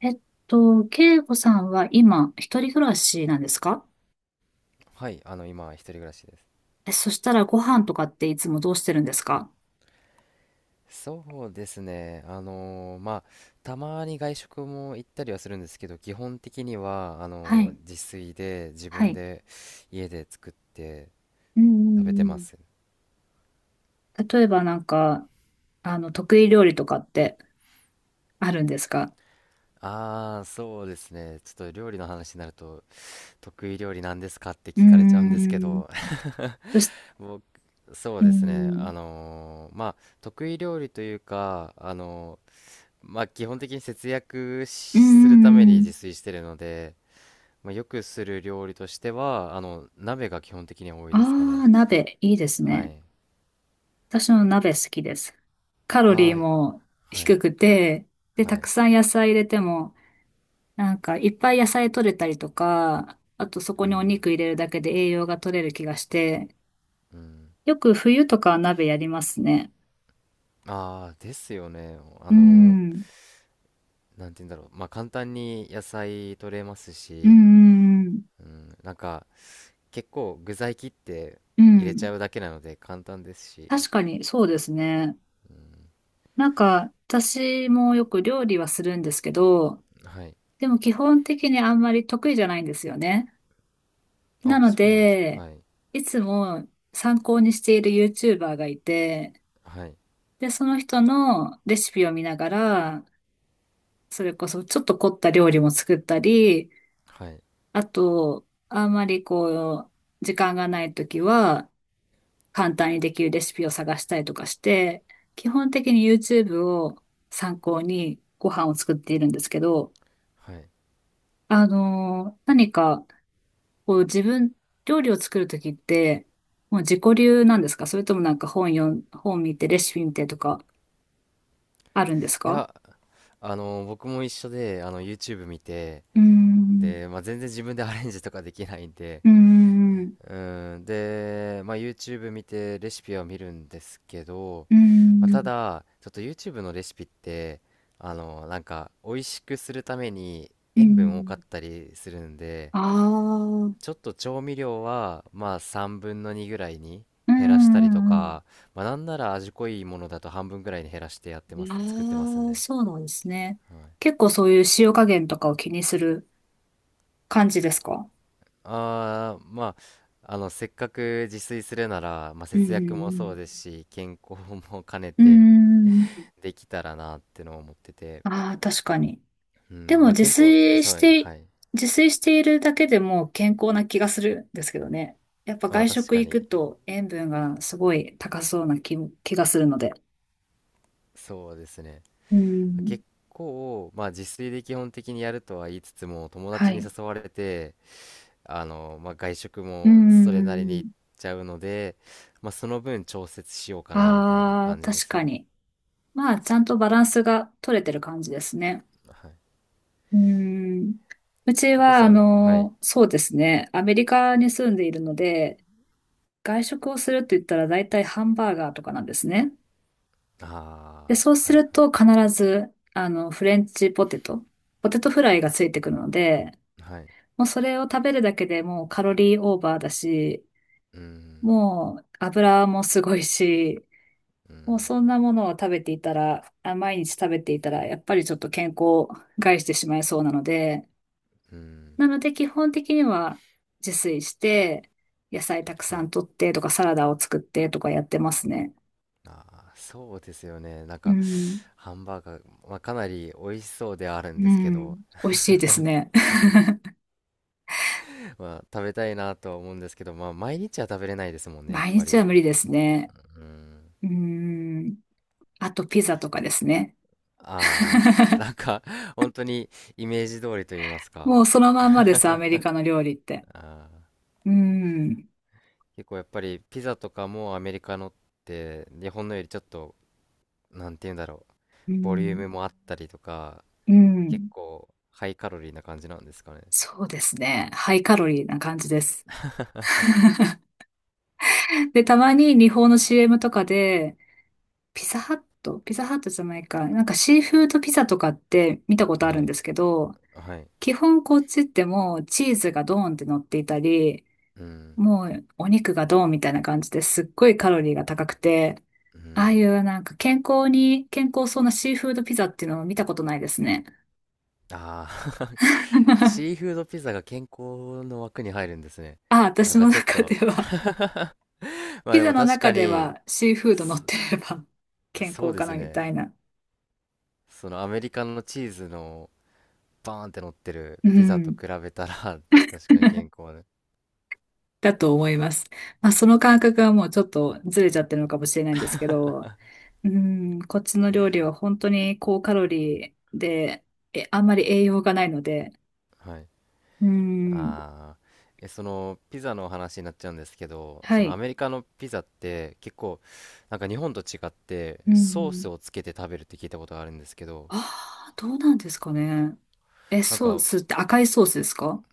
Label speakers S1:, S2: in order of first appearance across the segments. S1: えっ慶子さんは今、一人暮らしなんですか？
S2: はい、今、一人暮らしです。
S1: え、そしたらご飯とかっていつもどうしてるんですか？
S2: そうですね、たまに外食も行ったりはするんですけど、基本的には、
S1: はい。
S2: 自炊で、自
S1: は
S2: 分
S1: い。
S2: で、家で作って
S1: うんう
S2: 食べて
S1: んう
S2: ま
S1: ん。
S2: す。
S1: 例えば得意料理とかってあるんですか？
S2: ああ、そうですね、ちょっと料理の話になると、得意料理なんですかって
S1: うー
S2: 聞かれちゃうんですけ
S1: ん。
S2: ど、
S1: そし、
S2: 僕、そう
S1: うー
S2: ですね、
S1: ん。
S2: まあ、得意料理というか、まあ、基本的に節約し
S1: うんう
S2: するために
S1: んうん。
S2: 自炊してるので、まあ、よくする料理としては、鍋が基本的には多いですか
S1: あ
S2: ね。
S1: あ、鍋、いいです
S2: は
S1: ね。
S2: い。
S1: 私も鍋好きです。カロ
S2: あ
S1: リーも
S2: あ、は
S1: 低
S2: い。
S1: くて、で、
S2: は
S1: たく
S2: い。
S1: さん野菜入れても、いっぱい野菜取れたりとか、あとそこ
S2: う
S1: にお
S2: ん。
S1: 肉入れるだけで栄養が取れる気がして、
S2: うん。
S1: よく冬とかは鍋やりますね。
S2: ああ、ですよね。
S1: うん。
S2: なんて言うんだろう。まあ、簡単に野菜取れます
S1: う
S2: し、
S1: んうん
S2: うん、なんか、結構具材切って
S1: うん。う
S2: 入れち
S1: ん。
S2: ゃうだけなので簡単ですし、
S1: 確かに、そうですね。
S2: うん、
S1: 私もよく料理はするんですけど、
S2: はい。
S1: でも基本的にあんまり得意じゃないんですよね。な
S2: あ、
S1: の
S2: そうなんですか。
S1: で、
S2: はい。
S1: いつも参考にしている YouTuber がいて、
S2: はい。
S1: で、その人のレシピを見ながら、それこそちょっと凝った料理も作ったり、
S2: はい。
S1: あと、あんまり時間がないときは、簡単にできるレシピを探したりとかして、基本的に YouTube を参考にご飯を作っているんですけど、
S2: はい。
S1: 何か、こう自分、料理を作るときって、もう自己流なんですか、それとも本読ん、本見てレシピ見てとかあるんです
S2: い
S1: か？
S2: や、僕も一緒で、YouTube 見て、
S1: うーん、
S2: で、まあ、全然自分でアレンジとかできないんで、
S1: うーん、う
S2: うん、で、まあ、YouTube 見てレシピは見るんですけど、
S1: ー
S2: まあ、た
S1: ん、
S2: だ、ちょっと YouTube のレシピって、なんか、美味しくするために
S1: うー
S2: 塩分多か
S1: ん。
S2: ったりするんで、
S1: ああ、う
S2: ち
S1: ん
S2: ょっと調味料は、まあ、3分の2ぐらいに
S1: う
S2: 減らしたりと
S1: ん
S2: か、まあ、なんなら味濃いものだと半分ぐらいに減らしてやって
S1: う
S2: ます、作ってます
S1: ん。ああ、
S2: ね。
S1: そうなんですね。
S2: はい。
S1: 結構そういう塩加減とかを気にする感じですか？
S2: ああ、まあ、せっかく自炊するなら、まあ、
S1: う
S2: 節約も
S1: ん
S2: そうですし、健康も兼ね
S1: うんう
S2: て
S1: んうーん。
S2: できたらなってのを思ってて、
S1: ああ、確かに。
S2: う
S1: で
S2: ん、
S1: も
S2: まあ、健康、そう、はい。
S1: 自炊しているだけでも健康な気がするんですけどね。やっぱ
S2: まあ、
S1: 外
S2: 確
S1: 食
S2: か
S1: 行く
S2: に、
S1: と塩分がすごい高そうな気がするので。
S2: そうですね。
S1: うん。
S2: 結構、まあ、自炊で基本的にやるとは言いつつも、友
S1: は
S2: 達に
S1: い。
S2: 誘われて、まあ、外食
S1: うんう
S2: もそれ
S1: ん
S2: なり
S1: うんう
S2: に行っ
S1: ん。
S2: ちゃうので、まあ、その分調節しようかな、みたいな
S1: ああ、
S2: 感じで
S1: 確
S2: す
S1: か
S2: ね。
S1: に。まあ、ちゃんとバランスが取れてる感じですね。
S2: はい。
S1: うん。うち
S2: ココ
S1: は、
S2: さん、はい。
S1: そうですね。アメリカに住んでいるので、外食をするって言ったら大体ハンバーガーとかなんですね。で、
S2: あ
S1: そう
S2: あ、
S1: す
S2: はいはい。
S1: ると必ず、フレンチポテト、ポテトフライがついてくるので、
S2: はい
S1: もうそれを食べるだけでもうカロリーオーバーだし、
S2: うん、
S1: もう油もすごいし、
S2: う
S1: もう
S2: ん、
S1: そんなものを食べていたら、あ、毎日食べていたら、やっぱりちょっと健康を害してしまいそうなので、
S2: うん、
S1: なので基本的には自炊して、野菜たく
S2: は
S1: さ
S2: い。
S1: ん取ってとかサラダを作ってとかやってますね。
S2: あーそうですよね。なん
S1: う
S2: か、
S1: ん。
S2: ハンバーガー、まあ、かなり美味しそうではあるん
S1: う
S2: ですけ
S1: ん。
S2: ど、
S1: 美味しいですね。
S2: まあ、食べたいなとは思うんですけど、まあ、毎日は食べれないですもんね、やっ
S1: 毎
S2: ぱ
S1: 日は
S2: り。
S1: 無理ですね。
S2: うん。
S1: うん。あとピザとかですね。
S2: ああ、なんか、本当にイメージ通りと言いますか。
S1: もうそのまんまです、アメリカの料理って。
S2: あ
S1: うん。
S2: ー結構やっぱり、ピザとかもアメリカのって、日本のよりちょっと、なんて言うんだろう、
S1: う
S2: ボリュー
S1: ん。
S2: ムもあったりとか、
S1: う
S2: 結
S1: ん。
S2: 構、ハイカロリーな感じなんですかね。
S1: そうですね。ハイカロリーな感じです。で、たまに日本の CM とかで、ピザハット、ピザハットじゃないか、シーフードピザとかって見たことあ
S2: は
S1: るん
S2: い。
S1: ですけど、
S2: はい。
S1: 基本こっちってもうチーズがドーンって乗っていたり、
S2: うん。
S1: もうお肉がドーンみたいな感じですっごいカロリーが高くて、
S2: う
S1: ああ
S2: ん。
S1: いう健康そうなシーフードピザっていうのを見たことないですね。
S2: ああ シー フードピザが健康の枠に入るんですね。
S1: あ、私
S2: なん
S1: の
S2: かちょっ
S1: 中で
S2: と
S1: は、
S2: まあ
S1: ピ
S2: で
S1: ザ
S2: も
S1: の
S2: 確
S1: 中
S2: か
S1: で
S2: に、
S1: はシーフード乗ってれば
S2: そ
S1: 健
S2: そう
S1: 康
S2: で
S1: か
S2: す
S1: なみ
S2: ね。
S1: たいな。
S2: そのアメリカのチーズのバーンって乗ってる
S1: う
S2: ピザと
S1: ん。
S2: 比べたら 確かに健康で。
S1: だと思います。まあ、その感覚はもうちょっとずれちゃってるのかもしれないんですけど、うん、こっちの料理は本当に高カロリーで、あんまり栄養がないので、
S2: はい。
S1: うん、
S2: ああ。え、そのピザの話になっちゃうんですけど、
S1: は
S2: そのア
S1: い。
S2: メリカのピザって結構なんか日本と違って
S1: う
S2: ソー
S1: ん、
S2: スをつけて食べるって聞いたことがあるんですけど、
S1: ああ、どうなんですかね。え、
S2: なん
S1: ソー
S2: か、
S1: スって赤いソースですか？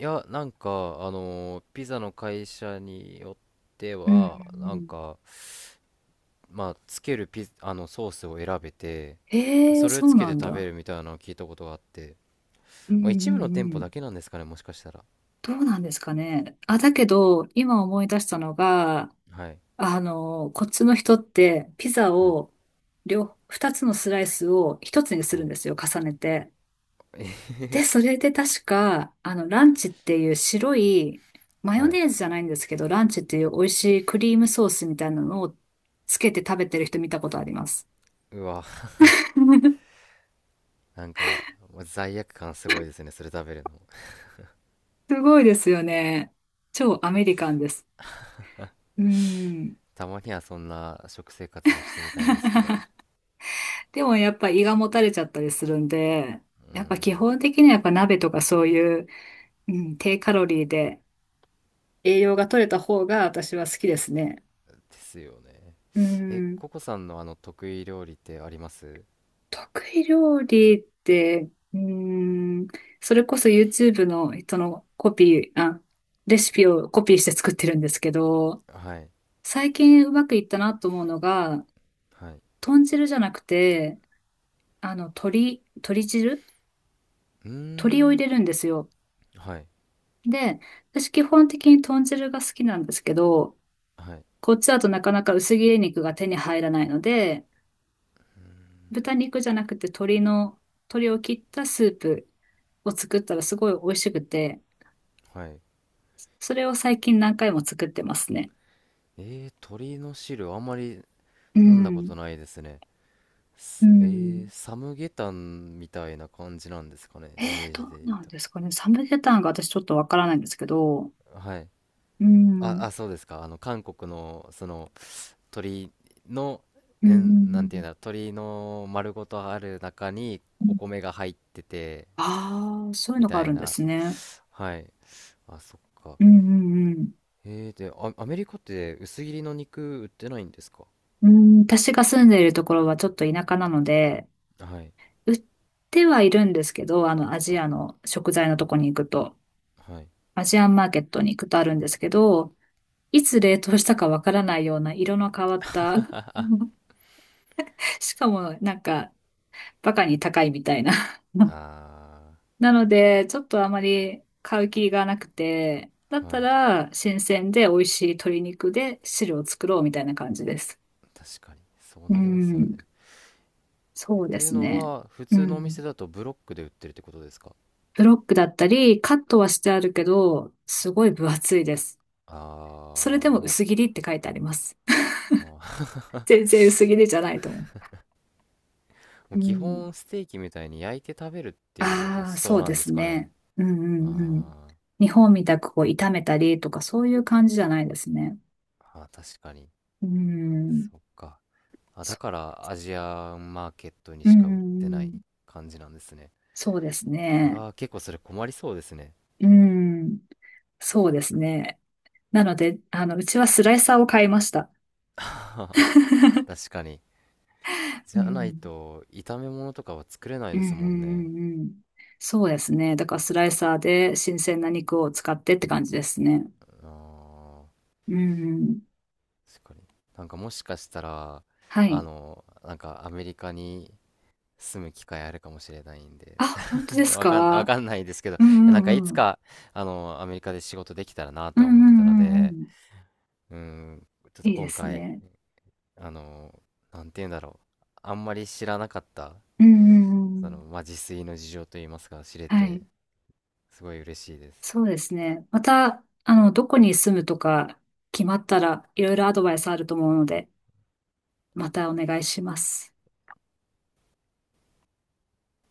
S2: いや、なんか、ピザの会社によって
S1: うん、うんうん、
S2: は、なんか、まあ、つけるピ、あの、ソースを選べて、
S1: へえ、
S2: それを
S1: そ
S2: つ
S1: う
S2: け
S1: な
S2: て
S1: ん
S2: 食べ
S1: だ。
S2: るみたいなのを聞いたことがあって、
S1: うん、
S2: まあ、
S1: う
S2: 一部の店
S1: ん、う
S2: 舗だ
S1: ん。
S2: けなんですかね、もしかしたら。
S1: どうなんですかね。あ、だけど、今思い出したのが、
S2: はい、
S1: こっちの人って、ピザ
S2: はい、
S1: を、二つのスライスを一つにす
S2: は
S1: る
S2: い、
S1: んですよ、重ねて。で、それで確か、ランチっていう白い、マヨ
S2: はい。
S1: ネーズじゃないんですけど、ランチっていう美味しいクリームソースみたいなのをつけて食べてる人見たことあります。
S2: うわ、なんか、もう罪悪感すごいですね、それ食べるの。
S1: すごいですよね。超アメリカンです。うん。
S2: たまにはそんな食生活もしてみたいんですけど。
S1: でもやっぱ胃がもたれちゃったりするんで、
S2: う
S1: やっぱ基
S2: ん、
S1: 本的にはやっぱ鍋とかそういう、うん、低カロリーで、栄養が取れた方が私は好きですね。
S2: ですよね。
S1: う
S2: え、
S1: ん。
S2: ココさんの得意料理ってあります？
S1: 得意料理って、うん。それこそ YouTube の人のコピー、あ、レシピをコピーして作ってるんですけど、
S2: はい。
S1: 最近うまくいったなと思うのが、
S2: はい。
S1: 豚汁じゃなくて、鶏汁、
S2: うー
S1: 鶏を入
S2: ん。
S1: れるんですよ。
S2: はい。
S1: で、私基本的に豚汁が好きなんですけど、
S2: はい。
S1: こっちだとなかなか薄切り肉が手に入らないので、豚肉じゃなくて鶏を切ったスープを作ったらすごい美味しくて、
S2: はい。
S1: それを最近何回も作ってますね。
S2: 鳥の汁あんまり
S1: う
S2: 飲んだこ
S1: ん。
S2: とないですね。
S1: う
S2: すえ
S1: ん。
S2: ー、サムゲタンみたいな感じなんですかね。
S1: え
S2: イメー
S1: ど
S2: ジ
S1: う
S2: で言う
S1: なん
S2: と。
S1: ですかね。サムゲタンが私ちょっとわからないんですけど。
S2: はい。
S1: う
S2: あ、
S1: ん。
S2: あ、そうですか。韓国の、その、鳥の、
S1: うんうん
S2: なん
S1: う
S2: ていう
S1: ん
S2: んだ、鳥の丸ごとある中に
S1: う
S2: お
S1: ん。
S2: 米が入ってて、
S1: ああ、そういう
S2: み
S1: のがあ
S2: たい
S1: るんで
S2: な。
S1: すね。
S2: はい。あ、そっか。
S1: うんうんうん。
S2: で、アメリカって薄切りの肉売ってないんですか？
S1: うん、私が住んでいるところはちょっと田舎なので、
S2: はい。
S1: 売ってはいるんですけど、アジ
S2: あ、
S1: アの食材のとこに行くと、
S2: はい。
S1: アジアンマーケットに行くとあるんですけど、いつ冷凍したかわからないような色の変わった しかもバカに高いみたいな。
S2: あ
S1: なので、ちょっとあまり買う気がなくて、だっ
S2: あ、は
S1: た
S2: い。
S1: ら新鮮で美味しい鶏肉で汁を作ろうみたいな感じです。
S2: 確かに。そう
S1: う
S2: なりますよね。
S1: ん、そ
S2: っ
S1: うで
S2: ていう
S1: す
S2: の
S1: ね。
S2: は、普
S1: う
S2: 通のお店
S1: ん。
S2: だとブロックで売ってるってことですか？
S1: ブロックだったり、カットはしてあるけど、すごい分厚いです。それ
S2: あ
S1: で
S2: あー、
S1: も
S2: も
S1: 薄切りって書いてあります。
S2: う、あー
S1: 全然薄切りじゃないと思
S2: も
S1: う。
S2: う
S1: う
S2: 基
S1: ん、
S2: 本ステーキみたいに焼いて食べるっていう
S1: あ
S2: 発
S1: あ、そ
S2: 想
S1: う
S2: な
S1: で
S2: んで
S1: す
S2: すかね。
S1: ね。うんうんうん。
S2: あ
S1: 日本みたくこう炒めたりとかそういう感じじゃないですね。
S2: ーあー、確かに。
S1: うん。
S2: そっか。あ、だ
S1: そ、
S2: からアジアンマーケットに
S1: う
S2: しか売ってな
S1: ん、
S2: い感じなんですね。
S1: そうです
S2: う
S1: ね。
S2: わー、結構それ困りそうですね。
S1: うん。そうですね。なので、うちはスライサーを買いました。
S2: 確かに。
S1: う
S2: じゃない
S1: ん。
S2: と、炒め物とかは作れない
S1: うん
S2: で
S1: う
S2: す
S1: ん
S2: もんね。
S1: うんうん。そうですね。だからスライサーで新鮮な肉を使ってって感じですね。
S2: あ
S1: うん。
S2: ー、確かに。なんか、もしかしたら
S1: はい。
S2: なんかアメリカに住む機会あるかもしれないんで、
S1: あ、本当で す
S2: わ
S1: か？
S2: かんないですけど、い
S1: う
S2: や、
S1: ん
S2: なんか
S1: う
S2: い
S1: ん
S2: つ
S1: うん。
S2: かアメリカで仕事できたらな
S1: う
S2: と
S1: んう
S2: は思ってたの
S1: んうんう
S2: で、
S1: ん。
S2: うん、ちょっと
S1: いいで
S2: 今
S1: す
S2: 回
S1: ね。
S2: あのなんて言うんだろう、あんまり知らなかった
S1: うんうんう
S2: その、
S1: ん。
S2: まあ、自炊の事情といいますか、知れ
S1: は
S2: て
S1: い。
S2: すごい嬉しいです。
S1: そうですね。また、どこに住むとか決まったらいろいろアドバイスあると思うので、またお願いします。